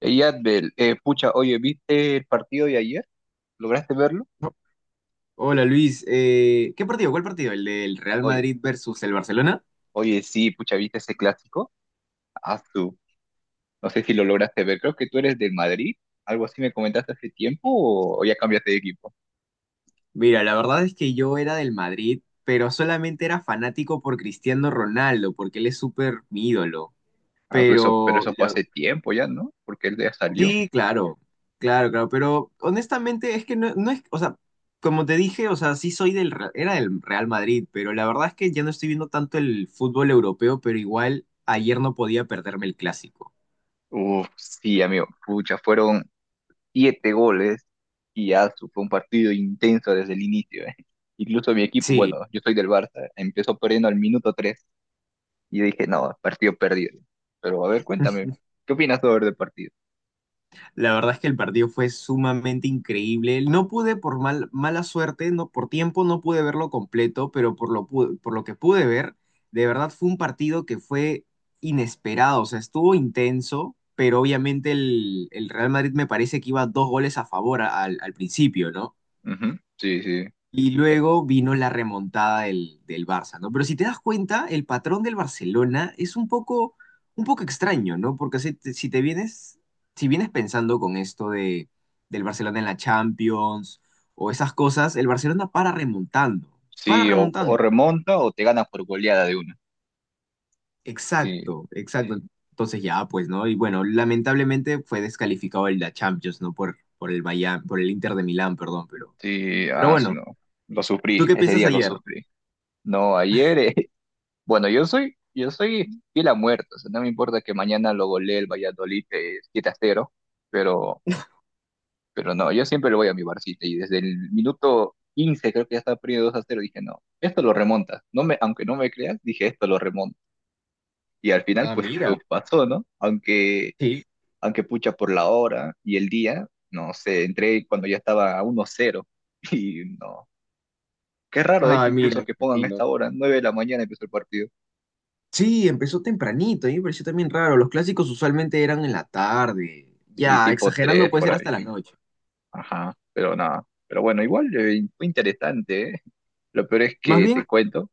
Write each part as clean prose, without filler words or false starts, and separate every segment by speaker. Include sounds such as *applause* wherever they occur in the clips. Speaker 1: Ey, Adbel, pucha, oye, ¿viste el partido de ayer? ¿Lograste verlo?
Speaker 2: Oh, hola Luis. ¿Qué partido? ¿Cuál partido? ¿El del Real
Speaker 1: Oye,
Speaker 2: Madrid versus el Barcelona?
Speaker 1: oye, sí, pucha, ¿viste ese clásico? Ah, tú. No sé si lo lograste ver. Creo que tú eres del Madrid. Algo así me comentaste hace tiempo o ya cambiaste de equipo.
Speaker 2: Mira, la verdad es que yo era del Madrid, pero solamente era fanático por Cristiano Ronaldo, porque él es súper mi ídolo.
Speaker 1: Eso, pero
Speaker 2: Pero,
Speaker 1: eso fue
Speaker 2: la-
Speaker 1: hace tiempo ya, ¿no? Porque él ya salió.
Speaker 2: sí, claro, claro, claro, pero honestamente es que no es, o sea, como te dije, o sea, sí soy era del Real Madrid, pero la verdad es que ya no estoy viendo tanto el fútbol europeo, pero igual ayer no podía perderme el clásico.
Speaker 1: Uf, sí, amigo, pucha, fueron siete goles y ya fue un partido intenso desde el inicio. Incluso mi equipo,
Speaker 2: Sí.
Speaker 1: bueno, yo soy del Barça, empezó perdiendo al minuto 3. Y yo dije, no, partido perdido. Pero a ver, cuéntame, ¿qué opinas sobre del partido?
Speaker 2: La verdad es que el partido fue sumamente increíble. No pude, por mala suerte, no, por tiempo no pude verlo completo, pero por lo que pude ver, de verdad fue un partido que fue inesperado, o sea, estuvo intenso, pero obviamente el Real Madrid me parece que iba dos goles a favor al principio, ¿no?
Speaker 1: Ujú, sí, sí.
Speaker 2: Y
Speaker 1: Eh,
Speaker 2: luego vino la remontada del Barça, ¿no? Pero si te das cuenta, el patrón del Barcelona es un poco extraño, ¿no? Porque si te vienes, si vienes pensando con del Barcelona en la Champions o esas cosas, el Barcelona para remontando,
Speaker 1: Sí,
Speaker 2: para
Speaker 1: o
Speaker 2: remontando.
Speaker 1: remonta o te ganas por goleada de una. Sí,
Speaker 2: Exacto, exacto. Sí. Entonces ya, pues, ¿no? Y bueno, lamentablemente fue descalificado el la Champions, ¿no? Por el Bayern, por el Inter de Milán, perdón,
Speaker 1: sí,
Speaker 2: pero bueno,
Speaker 1: no. Lo sufrí,
Speaker 2: ¿tú qué
Speaker 1: ese
Speaker 2: piensas
Speaker 1: día lo
Speaker 2: ayer?
Speaker 1: sufrí. No, ayer, *laughs* bueno, yo soy fiel a muerto, o sea, no me importa que mañana lo golee el Valladolid 7-0, pero, pero no, yo siempre le voy a mi Barcita y desde el minuto 15 creo que ya estaba perdiendo 2-0 dije, no, esto lo remonta. Aunque no me creas, dije, esto lo remonta. Y al final,
Speaker 2: Ah,
Speaker 1: pues
Speaker 2: mira.
Speaker 1: pasó, ¿no? Aunque,
Speaker 2: Sí.
Speaker 1: aunque pucha por la hora y el día, no sé, entré cuando ya estaba a 1-0 *laughs* y no. Qué raro, de
Speaker 2: Ah,
Speaker 1: hecho, incluso
Speaker 2: mira,
Speaker 1: que pongan
Speaker 2: vecinos.
Speaker 1: esta hora, 9 de la mañana empezó el partido
Speaker 2: Sí, empezó tempranito, a mí me pareció también raro. Los clásicos usualmente eran en la tarde.
Speaker 1: y
Speaker 2: Ya,
Speaker 1: tipo
Speaker 2: exagerando
Speaker 1: 3
Speaker 2: puede
Speaker 1: por
Speaker 2: ser hasta la
Speaker 1: ahí.
Speaker 2: noche.
Speaker 1: Ajá, pero nada. Pero bueno, igual fue interesante, ¿eh? Lo peor es
Speaker 2: Más
Speaker 1: que
Speaker 2: bien,
Speaker 1: te cuento,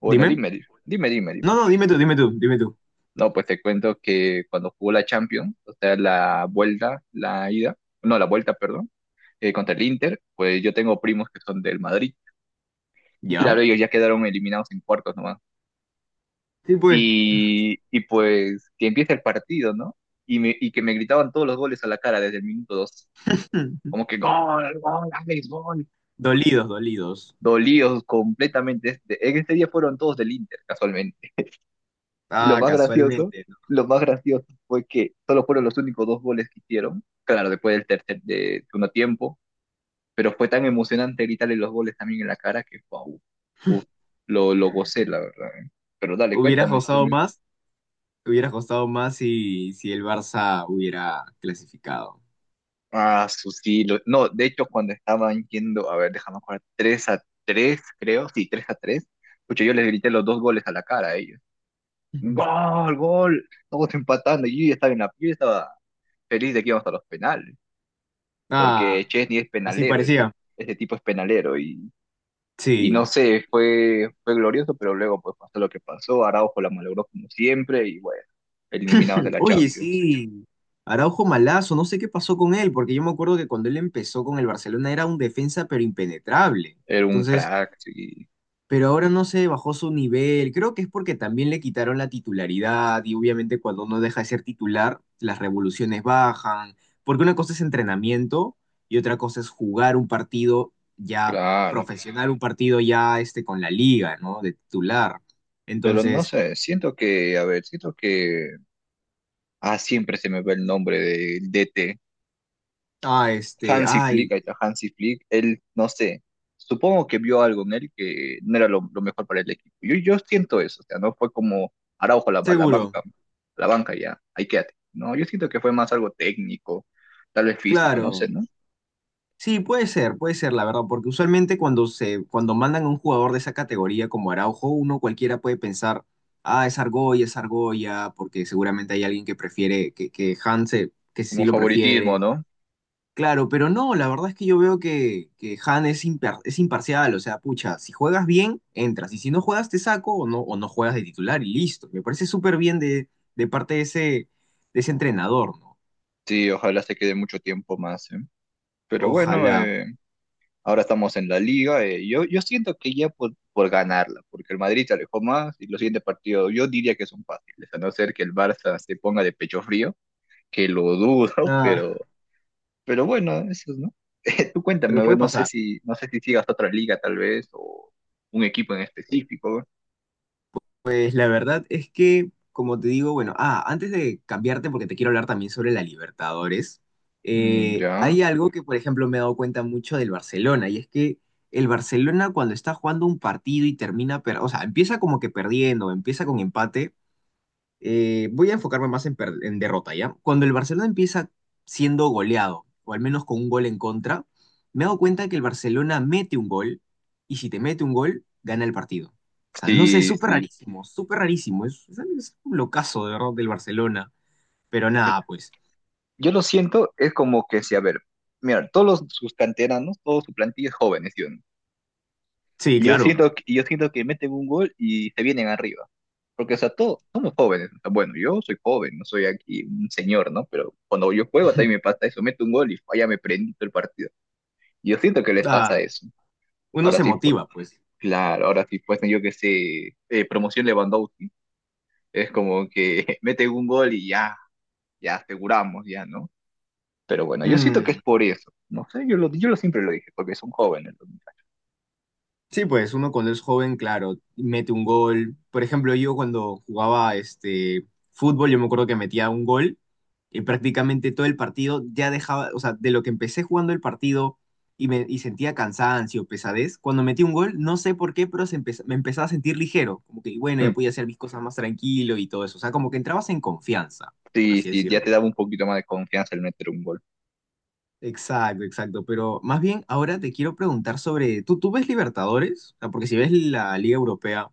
Speaker 1: bueno,
Speaker 2: dime.
Speaker 1: dime, dime, dime,
Speaker 2: No,
Speaker 1: dime.
Speaker 2: no, dime tú, dime tú, dime tú.
Speaker 1: No, pues te cuento que cuando jugó la Champions, o sea, la vuelta, la ida, no, la vuelta, perdón contra el Inter, pues yo tengo primos que son del Madrid. Y
Speaker 2: ¿Ya?
Speaker 1: claro, ellos ya quedaron eliminados en cuartos nomás.
Speaker 2: Sí, pues.
Speaker 1: Y pues que empieza el partido, ¿no? Y que me gritaban todos los goles a la cara desde el minuto 2.
Speaker 2: *clears throat* *laughs*
Speaker 1: Como que gol, gol, Alex, gol.
Speaker 2: Dolidos, dolidos.
Speaker 1: Dolidos completamente. En ese día fueron todos del Inter, casualmente. Y
Speaker 2: Ah, casualmente, ¿no?
Speaker 1: lo más gracioso fue que solo fueron los únicos dos goles que hicieron. Claro, después del tercer de segundo tiempo, pero fue tan emocionante gritarle los goles también en la cara que wow, uf, lo gocé, la verdad, ¿eh? Pero dale,
Speaker 2: Hubieras
Speaker 1: cuéntame tú
Speaker 2: gozado
Speaker 1: mismo.
Speaker 2: más, hubieras gozado más si, si el Barça hubiera clasificado.
Speaker 1: Sí, no, de hecho cuando estaban yendo, a ver, déjame jugar 3 a tres creo, sí, 3-3 pucha, yo les grité los dos goles a la cara a ellos.
Speaker 2: Ujú.
Speaker 1: Gol, gol, todos empatando, y yo ya estaba en la yo estaba feliz de que íbamos a los penales, porque
Speaker 2: Ah,
Speaker 1: Chesney es
Speaker 2: así
Speaker 1: penalero,
Speaker 2: parecía.
Speaker 1: este tipo es penalero, y no
Speaker 2: Sí.
Speaker 1: sé, fue glorioso, pero luego pues pasó lo que pasó. Araujo la malogró como siempre y bueno, eliminados de
Speaker 2: *laughs*
Speaker 1: la
Speaker 2: Oye,
Speaker 1: Champions.
Speaker 2: sí, Araujo malazo, no sé qué pasó con él, porque yo me acuerdo que cuando él empezó con el Barcelona era un defensa pero impenetrable.
Speaker 1: Era un
Speaker 2: Entonces,
Speaker 1: crack, sí,
Speaker 2: pero ahora no sé bajó su nivel. Creo que es porque también le quitaron la titularidad y obviamente cuando uno deja de ser titular, las revoluciones bajan, porque una cosa es entrenamiento y otra cosa es jugar un partido ya
Speaker 1: claro.
Speaker 2: profesional, un partido ya este con la liga, ¿no? De titular.
Speaker 1: Pero no
Speaker 2: Entonces,
Speaker 1: sé, siento que, a ver, siento que, siempre se me ve el nombre del DT.
Speaker 2: ah, este,
Speaker 1: Hansi
Speaker 2: ay,
Speaker 1: Flick, ahí está Hansi Flick, él, no sé, supongo que vio algo en él que no era lo mejor para el equipo. Yo siento eso, o sea, no fue como Araujo a la
Speaker 2: seguro,
Speaker 1: banca, a la banca ya, ahí quédate. No, yo siento que fue más algo técnico, tal vez físico, no sé,
Speaker 2: claro.
Speaker 1: ¿no?
Speaker 2: Sí, puede ser, la verdad, porque usualmente cuando cuando mandan a un jugador de esa categoría como Araujo, uno cualquiera puede pensar, ah, es Argolla, porque seguramente hay alguien que prefiere, que Han se- que sí
Speaker 1: Como
Speaker 2: lo prefiere.
Speaker 1: favoritismo, ¿no?
Speaker 2: Claro, pero no, la verdad es que yo veo que Han es, impar- es imparcial, o sea, pucha, si juegas bien, entras, y si no juegas, te saco o no juegas de titular y listo. Me parece súper bien de parte de ese entrenador, ¿no?
Speaker 1: Sí, ojalá se quede mucho tiempo más, ¿eh? Pero bueno,
Speaker 2: Ojalá.
Speaker 1: ahora estamos en la liga. Yo siento que ya por ganarla, porque el Madrid se alejó más y los siguientes partidos yo diría que son fáciles, a no ser que el Barça se ponga de pecho frío que lo dudo, *laughs*
Speaker 2: Nada,
Speaker 1: pero, pero bueno, eso, ¿no? *laughs* Tú cuéntame,
Speaker 2: pero
Speaker 1: a ver,
Speaker 2: puede
Speaker 1: no sé
Speaker 2: pasar.
Speaker 1: si, no sé si sigas otra liga tal vez, o un equipo en específico.
Speaker 2: Pues la verdad es que, como te digo, bueno, ah, antes de cambiarte, porque te quiero hablar también sobre la Libertadores,
Speaker 1: Mm, ya.
Speaker 2: hay algo que, por ejemplo, me he dado cuenta mucho del Barcelona, y es que el Barcelona cuando está jugando un partido y o sea, empieza como que perdiendo, empieza con empate, voy a enfocarme más en derrota, ¿ya? Cuando el Barcelona empieza siendo goleado, o al menos con un gol en contra, me he dado cuenta que el Barcelona mete un gol, y si te mete un gol, gana el partido. O sea, no sé, es
Speaker 1: Sí,
Speaker 2: súper
Speaker 1: sí.
Speaker 2: rarísimo, súper rarísimo. Es un locazo, de verdad, del Barcelona. Pero
Speaker 1: Eh,
Speaker 2: nada, pues.
Speaker 1: Yo lo siento, es como que si, a ver, mira, sus canteranos, toda su plantilla es jóvenes, ¿sí o no?
Speaker 2: Sí,
Speaker 1: Y yo
Speaker 2: claro.
Speaker 1: siento, que- y yo siento que meten un gol y se vienen arriba. Porque, o sea, todos somos jóvenes. O sea, bueno, yo soy joven, no soy aquí un señor, ¿no? Pero cuando yo juego también me
Speaker 2: *laughs*
Speaker 1: pasa eso. Meto un gol y ya me prendí todo el partido. Y yo siento que les pasa
Speaker 2: Da-
Speaker 1: eso.
Speaker 2: Uno
Speaker 1: Ahora
Speaker 2: se
Speaker 1: sí, pues,
Speaker 2: motiva, pues.
Speaker 1: claro, ahora sí, pues, yo que sé, promoción Lewandowski, es como que *laughs* mete un gol y ya, aseguramos, ya, ¿no? Pero bueno, yo siento que
Speaker 2: Mm,
Speaker 1: es por eso, no sé, yo lo siempre lo dije, porque son jóvenes. Los muchachos.
Speaker 2: sí, pues uno cuando es joven, claro, mete un gol. Por ejemplo, yo cuando jugaba este fútbol, yo me acuerdo que metía un gol y prácticamente todo el partido ya dejaba, o sea, de lo que empecé jugando el partido y sentía cansancio, pesadez, cuando metí un gol, no sé por qué, pero me empezaba a sentir ligero, como que bueno, ya
Speaker 1: Mm,
Speaker 2: podía hacer mis cosas más tranquilo y todo eso, o sea, como que entrabas en confianza, por
Speaker 1: sí,
Speaker 2: así
Speaker 1: sí, ya
Speaker 2: decirlo.
Speaker 1: te daba un poquito más de confianza el meter un gol.
Speaker 2: Exacto, exacto. Pero más bien ahora te quiero preguntar sobre, tú ves Libertadores? O sea, porque si ves la Liga Europea,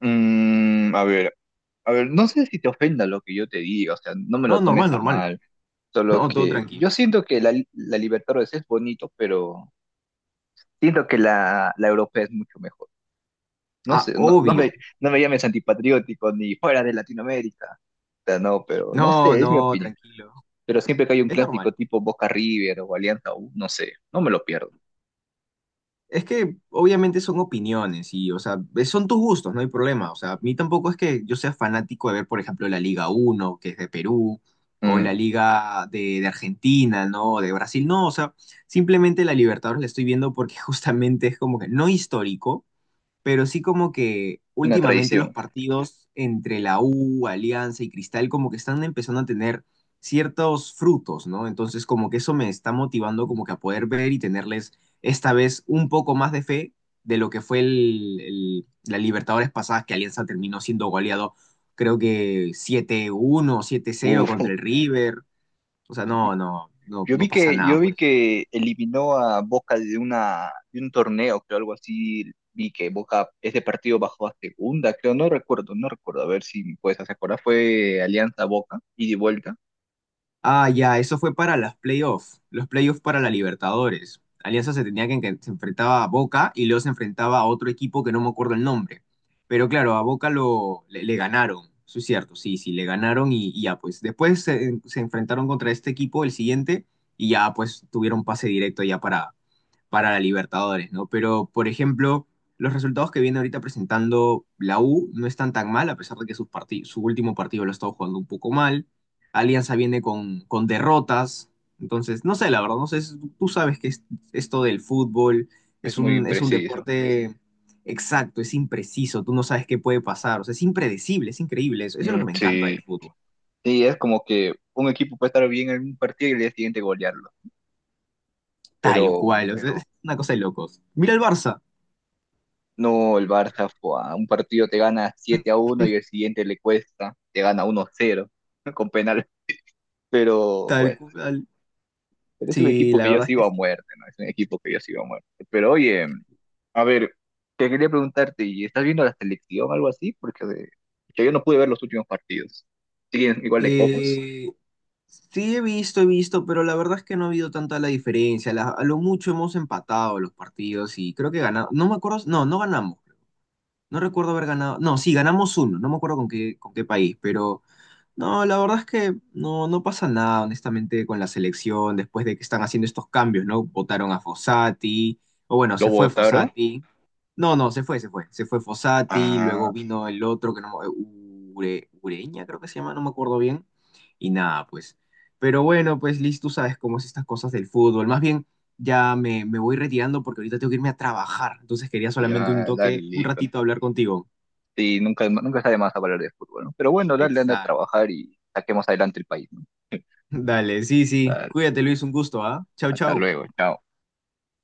Speaker 1: Mm, a ver, no sé si te ofenda lo que yo te diga, o sea, no me lo
Speaker 2: no, normal,
Speaker 1: tomes a
Speaker 2: normal.
Speaker 1: mal, solo
Speaker 2: No, todo
Speaker 1: que
Speaker 2: tranquilo.
Speaker 1: yo siento que la Libertadores es bonito, pero siento que la Europea es mucho mejor. No
Speaker 2: Ah,
Speaker 1: sé, no, no
Speaker 2: obvio.
Speaker 1: me, no me llames antipatriótico ni fuera de Latinoamérica. O sea, no, pero no
Speaker 2: No,
Speaker 1: sé, es mi
Speaker 2: no,
Speaker 1: opinión.
Speaker 2: tranquilo.
Speaker 1: Pero siempre que hay un
Speaker 2: Es normal.
Speaker 1: clásico tipo Boca River o Alianza U, no sé, no me lo pierdo.
Speaker 2: Es que obviamente son opiniones y, o sea, son tus gustos, no hay problema. O sea, a mí tampoco es que yo sea fanático de ver, por ejemplo, la Liga uno que es de Perú, o la
Speaker 1: Mm,
Speaker 2: Liga de Argentina, ¿no? De Brasil. No, o sea, simplemente la Libertadores la estoy viendo porque *laughs* justamente es como que no histórico. Pero sí como que
Speaker 1: una
Speaker 2: últimamente los
Speaker 1: tradición.
Speaker 2: partidos entre la U, Alianza y Cristal como que están empezando a tener ciertos frutos, ¿no? Entonces como que eso me está motivando como que a poder ver y tenerles esta vez un poco más de fe de lo que fue la Libertadores pasada que Alianza terminó siendo goleado creo que siete uno siete cero
Speaker 1: Uf,
Speaker 2: contra el River. O sea,
Speaker 1: *laughs*
Speaker 2: no, no, no,
Speaker 1: yo
Speaker 2: no
Speaker 1: vi
Speaker 2: pasa
Speaker 1: que,
Speaker 2: nada
Speaker 1: yo
Speaker 2: por
Speaker 1: vi
Speaker 2: eso.
Speaker 1: que eliminó a Boca de un torneo, creo, algo así. Vi que Boca, ese partido bajó a segunda, creo, no recuerdo, no recuerdo. A ver si me puedes hacer acordar. Fue Alianza Boca, ida y de vuelta.
Speaker 2: Ah, ya, eso fue para las playoffs, los playoffs para la Libertadores. Alianza se tenía que se enfrentaba a Boca y luego se enfrentaba a otro equipo que no me acuerdo el nombre. Pero claro, a Boca lo, le ganaron, eso es cierto, sí, sí, le ganaron y ya, pues después se enfrentaron contra este equipo, el siguiente, y ya pues tuvieron pase directo ya para la Libertadores, ¿no? Pero, por ejemplo, los resultados que viene ahorita presentando la U no están tan mal, a pesar de que su último partido lo ha estado jugando un poco mal. Alianza viene con derrotas. Entonces, no sé, la verdad, no sé, tú sabes que esto del fútbol
Speaker 1: Es muy
Speaker 2: es un
Speaker 1: preciso.
Speaker 2: deporte exacto, es impreciso, tú no sabes qué puede pasar, o sea, es impredecible, es increíble, eso es lo
Speaker 1: Mm,
Speaker 2: que me encanta del
Speaker 1: sí.
Speaker 2: fútbol,
Speaker 1: Sí, es como que un equipo puede estar bien en un partido y el día siguiente golearlo.
Speaker 2: tal
Speaker 1: Pero
Speaker 2: cual, o sea, es pero, una cosa de locos. Mira el Barça,
Speaker 1: no, el Barça, a un partido te gana 7-1 y el siguiente le cuesta, te gana uno a 0 *laughs* con penal. Pero
Speaker 2: tal
Speaker 1: bueno,
Speaker 2: cual.
Speaker 1: pero es un
Speaker 2: Sí,
Speaker 1: equipo que
Speaker 2: la
Speaker 1: yo
Speaker 2: verdad es que
Speaker 1: sigo a
Speaker 2: sí.
Speaker 1: muerte, ¿no? Es un equipo que yo sigo a muerte. Pero oye, a ver, te quería preguntarte, ¿y estás viendo la selección o algo así? Porque que yo no pude ver los últimos partidos. ¿Siguen igual de cojos?
Speaker 2: Eh, sí, he visto, pero la verdad es que no ha habido tanta la diferencia. A lo mucho hemos empatado los partidos y creo que ganamos. No me acuerdo, no, no ganamos. No recuerdo haber ganado. No, sí, ganamos uno. No me acuerdo con qué país, pero no, la verdad es que no, no pasa nada, honestamente, con la selección después de que están haciendo estos cambios, ¿no? Votaron a Fossati, o bueno,
Speaker 1: ¿Lo
Speaker 2: se fue
Speaker 1: votaron?
Speaker 2: Fossati. No, no, se fue, se fue. Se fue Fossati,
Speaker 1: Ah,
Speaker 2: luego vino el otro que no me- Ure- Ureña creo que se llama, no me acuerdo bien. Y nada, pues. Pero bueno, pues Liz, tú sabes cómo es estas cosas del fútbol. Más bien, ya me voy retirando porque ahorita tengo que irme a trabajar. Entonces quería solamente un
Speaker 1: ya, dale,
Speaker 2: toque, un
Speaker 1: listo.
Speaker 2: ratito hablar contigo.
Speaker 1: Sí, nunca, nunca está de más hablar de fútbol, ¿no? Pero bueno, dale, anda a
Speaker 2: Exacto.
Speaker 1: trabajar y saquemos adelante el país, ¿no?
Speaker 2: *laughs* Dale, sí, sí.
Speaker 1: Dale,
Speaker 2: Cuídate, Luis, un gusto, ¿ah? Chau,
Speaker 1: hasta
Speaker 2: chau.
Speaker 1: luego, chao.